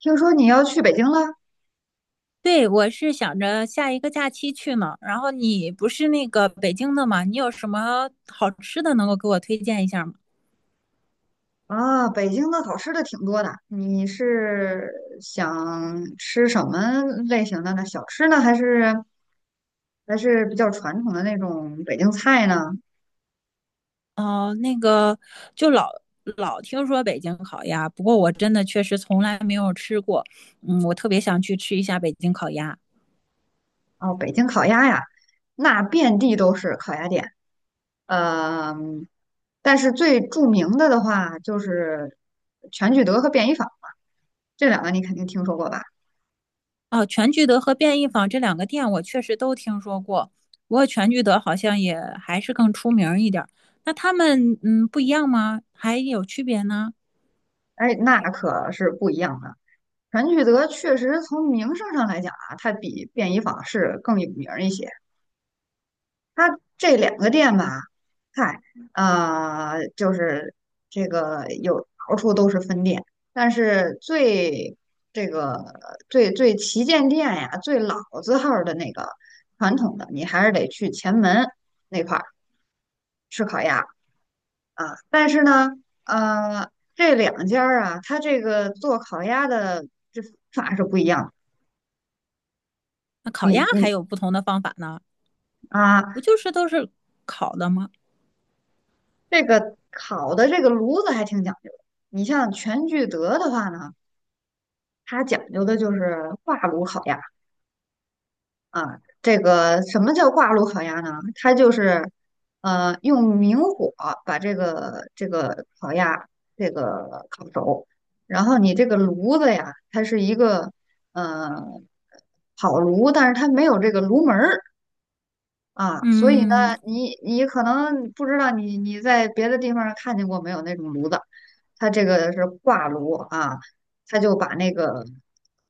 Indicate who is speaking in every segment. Speaker 1: 听说你要去北京了
Speaker 2: 对，我是想着下一个假期去呢。然后你不是那个北京的吗？你有什么好吃的能够给我推荐一下吗？
Speaker 1: 啊？北京的好吃的挺多的，你是想吃什么类型的呢？小吃呢，还是比较传统的那种北京菜呢？
Speaker 2: 哦、那个就老听说北京烤鸭，不过我真的确实从来没有吃过。嗯，我特别想去吃一下北京烤鸭。
Speaker 1: 哦，北京烤鸭呀，那遍地都是烤鸭店。嗯，但是最著名的的话就是全聚德和便宜坊这两个，你肯定听说过吧？
Speaker 2: 哦、全聚德和便宜坊这两个店我确实都听说过，不过全聚德好像也还是更出名儿一点儿。那他们不一样吗？还有区别呢？
Speaker 1: 哎，那可是不一样的。全聚德确实从名声上来讲啊，它比便宜坊是更有名儿一些。它这两个店吧，嗨，就是这个有到处都是分店，但是最这个最最旗舰店呀，最老字号儿的那个传统的，你还是得去前门那块儿吃烤鸭啊。但是呢，这两家儿啊，它这个做烤鸭的这法是不一样的。
Speaker 2: 那烤
Speaker 1: 你
Speaker 2: 鸭还
Speaker 1: 你
Speaker 2: 有不同的方法呢？
Speaker 1: 啊，
Speaker 2: 不就是都是烤的吗？
Speaker 1: 这个烤的这个炉子还挺讲究的。你像全聚德的话呢，它讲究的就是挂炉烤鸭啊。这个什么叫挂炉烤鸭呢？它就是用明火把这个烤鸭这个烤熟，然后你这个炉子呀，它是一个呃烤炉，但是它没有这个炉门儿，啊，所以呢，
Speaker 2: 嗯，
Speaker 1: 你你可能不知道你你在别的地方看见过没有那种炉子，它这个是挂炉啊，它就把那个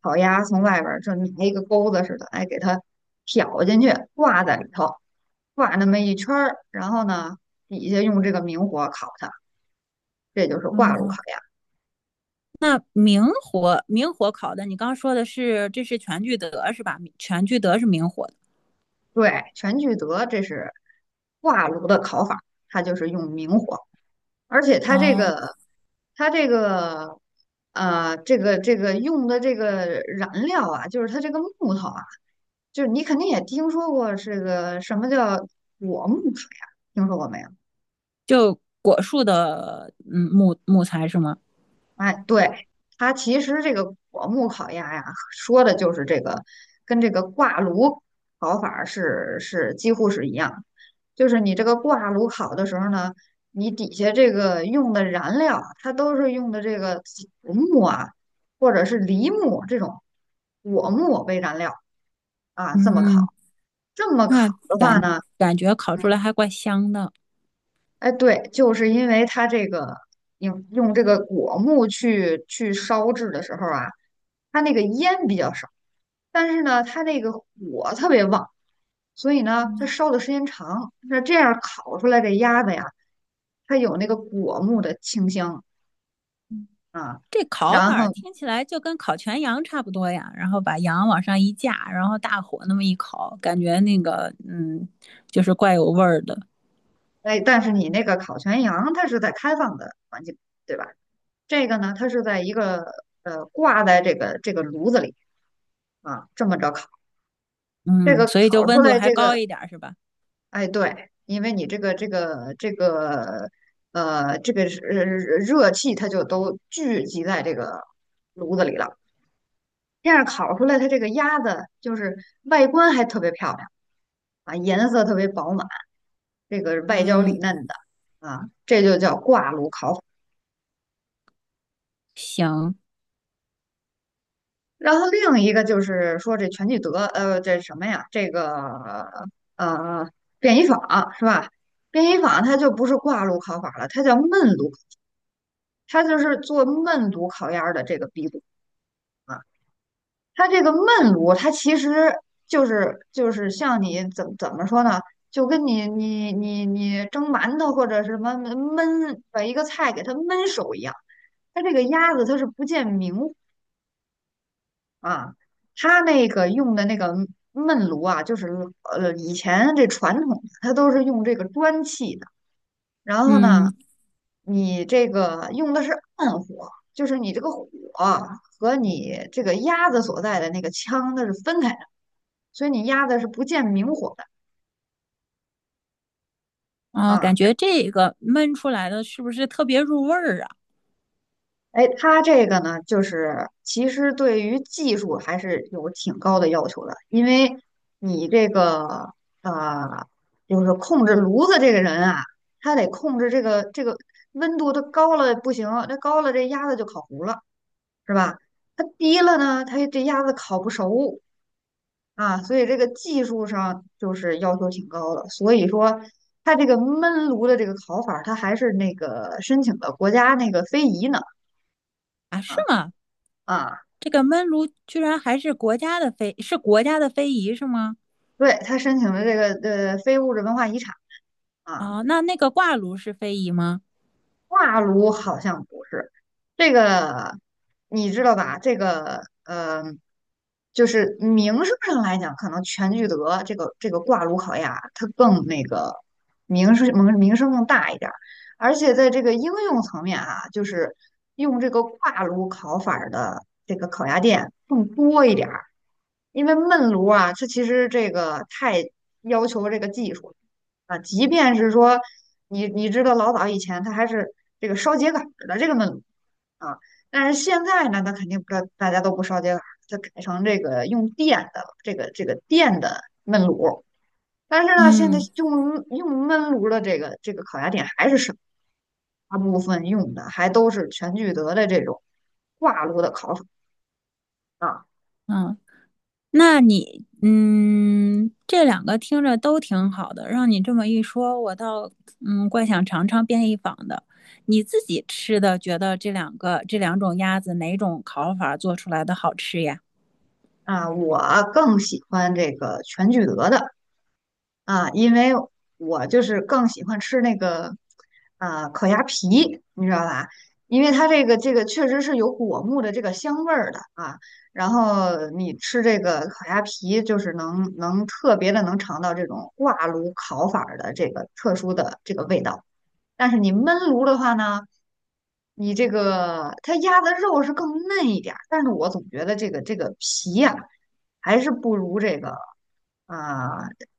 Speaker 1: 烤鸭从外边儿就拿一个钩子似的，哎，给它挑进去，挂在里头，挂那么一圈儿，然后呢，底下用这个明火烤它，这就是挂炉烤
Speaker 2: 哦，
Speaker 1: 鸭。
Speaker 2: 那明火烤的，你刚刚说的是这是全聚德是吧？全聚德是明火的。
Speaker 1: 对，全聚德这是挂炉的烤法，它就是用明火。而且它这
Speaker 2: 哦，
Speaker 1: 个，它这个，这个用的这个燃料啊，就是它这个木头啊，就是你肯定也听说过这个什么叫果木水啊，听说过没有？
Speaker 2: 就果树的木材是吗？
Speaker 1: 哎，对，它其实这个果木烤鸭呀，说的就是这个，跟这个挂炉烤法儿是几乎是一样的就是你这个挂炉烤的时候呢，你底下这个用的燃料啊，它都是用的这个竹木啊，或者是梨木这种果木为燃料啊，这么烤。
Speaker 2: 嗯，
Speaker 1: 这么
Speaker 2: 那
Speaker 1: 烤的话
Speaker 2: 感
Speaker 1: 呢，
Speaker 2: 感觉烤出来还怪香的。
Speaker 1: 哎，对，就是因为它这个用这个果木去烧制的时候啊，它那个烟比较少，但是呢，它那个火特别旺，所以呢，它
Speaker 2: 嗯，
Speaker 1: 烧的时间长，那这样烤出来的鸭子呀，它有那个果木的清香啊。
Speaker 2: 这烤
Speaker 1: 然
Speaker 2: 法儿
Speaker 1: 后，
Speaker 2: 听起来就跟烤全羊差不多呀，然后把羊往上一架，然后大火那么一烤，感觉那个就是怪有味儿的。
Speaker 1: 哎，但是你那个烤全羊，它是在开放的环境，对吧？这个呢，它是在一个挂在这个炉子里啊，这么着烤。这
Speaker 2: 嗯，
Speaker 1: 个
Speaker 2: 所以就
Speaker 1: 烤出
Speaker 2: 温度
Speaker 1: 来
Speaker 2: 还
Speaker 1: 这个
Speaker 2: 高一点儿是吧？
Speaker 1: 哎，对，因为你这个这个是热气，它就都聚集在这个炉子里了。这样烤出来，它这个鸭子就是外观还特别漂亮啊，颜色特别饱满，这个外焦里
Speaker 2: 嗯，
Speaker 1: 嫩的啊，这就叫挂炉烤法。
Speaker 2: 行，
Speaker 1: 然后另一个就是说这全聚德，这什么呀？这个呃便宜坊是吧？便宜坊它就不是挂炉烤法了，它叫焖炉。它就是做焖炉烤鸭的这个鼻祖啊，它这个焖炉，它其实就是像你怎么说呢？就跟你蒸馒头或者什么焖把一个菜给它焖熟一样。它这个鸭子它是不见明火啊，它那个用的那个焖炉啊，就是以前这传统它都是用这个砖砌的。然后呢，
Speaker 2: 嗯，
Speaker 1: 你这个用的是暗火，就是你这个火和你这个鸭子所在的那个腔它是分开的，所以你鸭子是不见明火的
Speaker 2: 哦，感
Speaker 1: 啊。
Speaker 2: 觉这个焖出来的是不是特别入味儿啊？
Speaker 1: 哎，它这个呢，就是其实对于技术还是有挺高的要求的，因为你这个呃，就是控制炉子这个人啊，他得控制这个温度，它高了不行，那高了这鸭子就烤糊了。是吧？它低了呢，它这鸭子烤不熟啊，所以这个技术上就是要求挺高的。所以说，它这个焖炉的这个烤法儿它还是那个申请的国家那个非遗呢
Speaker 2: 啊，是吗？
Speaker 1: 啊，
Speaker 2: 这个焖炉居然还是国家的非，是国家的非遗是吗？
Speaker 1: 对，它申请了这个非物质文化遗产啊。
Speaker 2: 哦，那那个挂炉是非遗吗？
Speaker 1: 挂炉好像不是这个，你知道吧？这个就是名声上来讲，可能全聚德这个挂炉烤鸭，它更那个名声更大一点儿。而且在这个应用层面啊，就是用这个挂炉烤法儿的这个烤鸭店更多一点儿。因为焖炉啊，它其实这个太要求这个技术了啊，即便是说你你知道老早以前它还是这个烧秸秆儿的这个焖炉啊，但是现在呢，它肯定不知道大家都不烧秸秆儿，它改成这个用电的这个电的焖炉，但是呢，现在
Speaker 2: 嗯
Speaker 1: 用焖炉的这个烤鸭店还是少，大部分用的还都是全聚德的这种挂炉的烤法。啊。
Speaker 2: 嗯，那你，这两个听着都挺好的，让你这么一说，我倒怪想尝尝便宜坊的。你自己吃的，觉得这两个这两种鸭子哪种烤法做出来的好吃呀？
Speaker 1: 啊，我更喜欢这个全聚德的啊，因为我就是更喜欢吃那个啊烤鸭皮，你知道吧？因为它这个确实是有果木的这个香味儿的啊，然后你吃这个烤鸭皮，就是能特别的能尝到这种挂炉烤法儿的这个特殊的这个味道。但是你焖炉的话呢，你这个它压的肉是更嫩一点儿，但是我总觉得这个皮呀、还是不如这个啊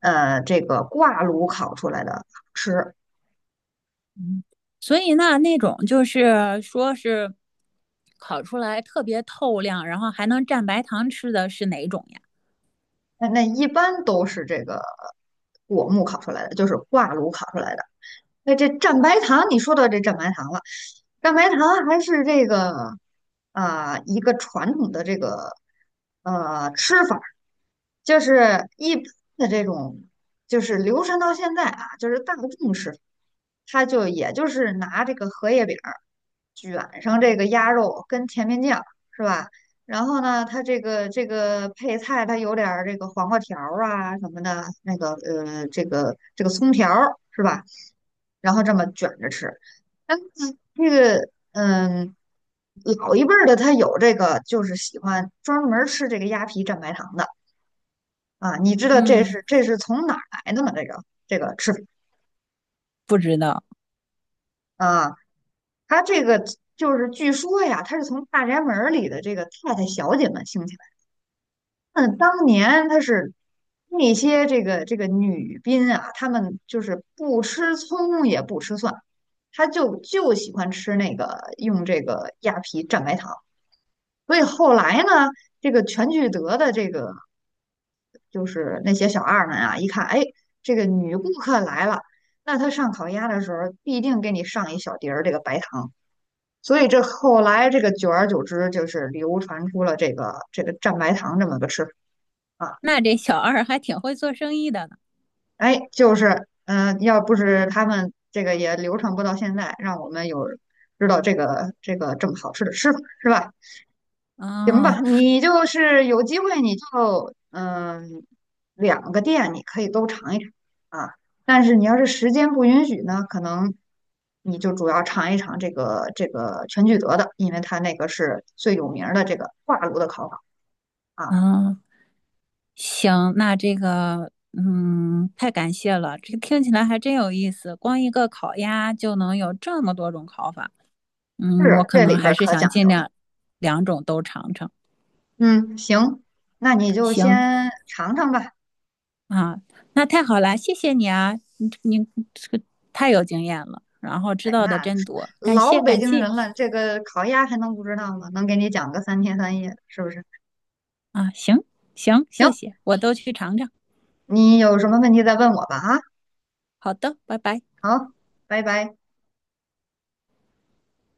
Speaker 1: 这个挂炉烤出来的好吃。
Speaker 2: 所以那那种就是说是烤出来特别透亮，然后还能蘸白糖吃的是哪种呀？
Speaker 1: 那那一般都是这个果木烤出来的，就是挂炉烤出来的。那这蘸白糖，你说到这蘸白糖了，蘸白糖还是这个啊、一个传统的这个吃法儿就是一般的这种，就是流传到现在啊，就是大众吃法，它就也就是拿这个荷叶饼儿卷上这个鸭肉跟甜面酱，是吧？然后呢，它这个配菜，它有点儿这个黄瓜条儿啊什么的，那个这个葱条儿是吧？然后这么卷着吃。但是这个，嗯，老一辈儿的他有这个，就是喜欢专门儿吃这个鸭皮蘸白糖的啊。你知道这
Speaker 2: 嗯，
Speaker 1: 是这是从哪儿来的吗？这个吃法
Speaker 2: 不知道。
Speaker 1: 啊，他这个就是据说呀，他是从大宅门儿里的这个太太小姐们兴起来的。那当年他是。那些这个女宾啊，她们就是不吃葱也不吃蒜，她就喜欢吃那个用这个鸭皮蘸白糖。所以后来呢，这个全聚德的这个就是那些小二们啊，一看，哎，这个女顾客来了，那她上烤鸭的时候必定给你上一小碟儿这个白糖。所以这后来这个久而久之，就是流传出了这个蘸白糖这么个吃法啊。
Speaker 2: 那这小二还挺会做生意的呢。
Speaker 1: 哎，就是嗯、要不是他们这个也流传不到现在，让我们有知道这个这么好吃的吃法，是吧？行
Speaker 2: 哦，
Speaker 1: 吧，你就是有机会你就嗯，两个店你可以都尝一尝啊。但是你要是时间不允许呢，可能你就主要尝一尝这个这个全聚德的，因为它那个是最有名儿的这个挂炉的烤法啊。
Speaker 2: 嗯，行，那这个，嗯，太感谢了，这个听起来还真有意思。光一个烤鸭就能有这么多种烤法，
Speaker 1: 是，
Speaker 2: 嗯，我可
Speaker 1: 这
Speaker 2: 能
Speaker 1: 里边
Speaker 2: 还
Speaker 1: 儿
Speaker 2: 是
Speaker 1: 可
Speaker 2: 想
Speaker 1: 讲
Speaker 2: 尽
Speaker 1: 究了。
Speaker 2: 量两种都尝尝。
Speaker 1: 嗯，行，那你就
Speaker 2: 行，
Speaker 1: 先尝尝吧。
Speaker 2: 啊，那太好了，谢谢你啊，你这个太有经验了，然后知
Speaker 1: 哎，
Speaker 2: 道的
Speaker 1: 那
Speaker 2: 真多，感
Speaker 1: 老
Speaker 2: 谢
Speaker 1: 北
Speaker 2: 感
Speaker 1: 京
Speaker 2: 谢
Speaker 1: 人了，这个烤鸭还能不知道吗？能给你讲个3天3夜的，是不是？
Speaker 2: 啊，行，谢
Speaker 1: 行，
Speaker 2: 谢，我都去尝尝。
Speaker 1: 你有什么问题再问我吧啊。
Speaker 2: 好的，拜拜。
Speaker 1: 好，拜拜。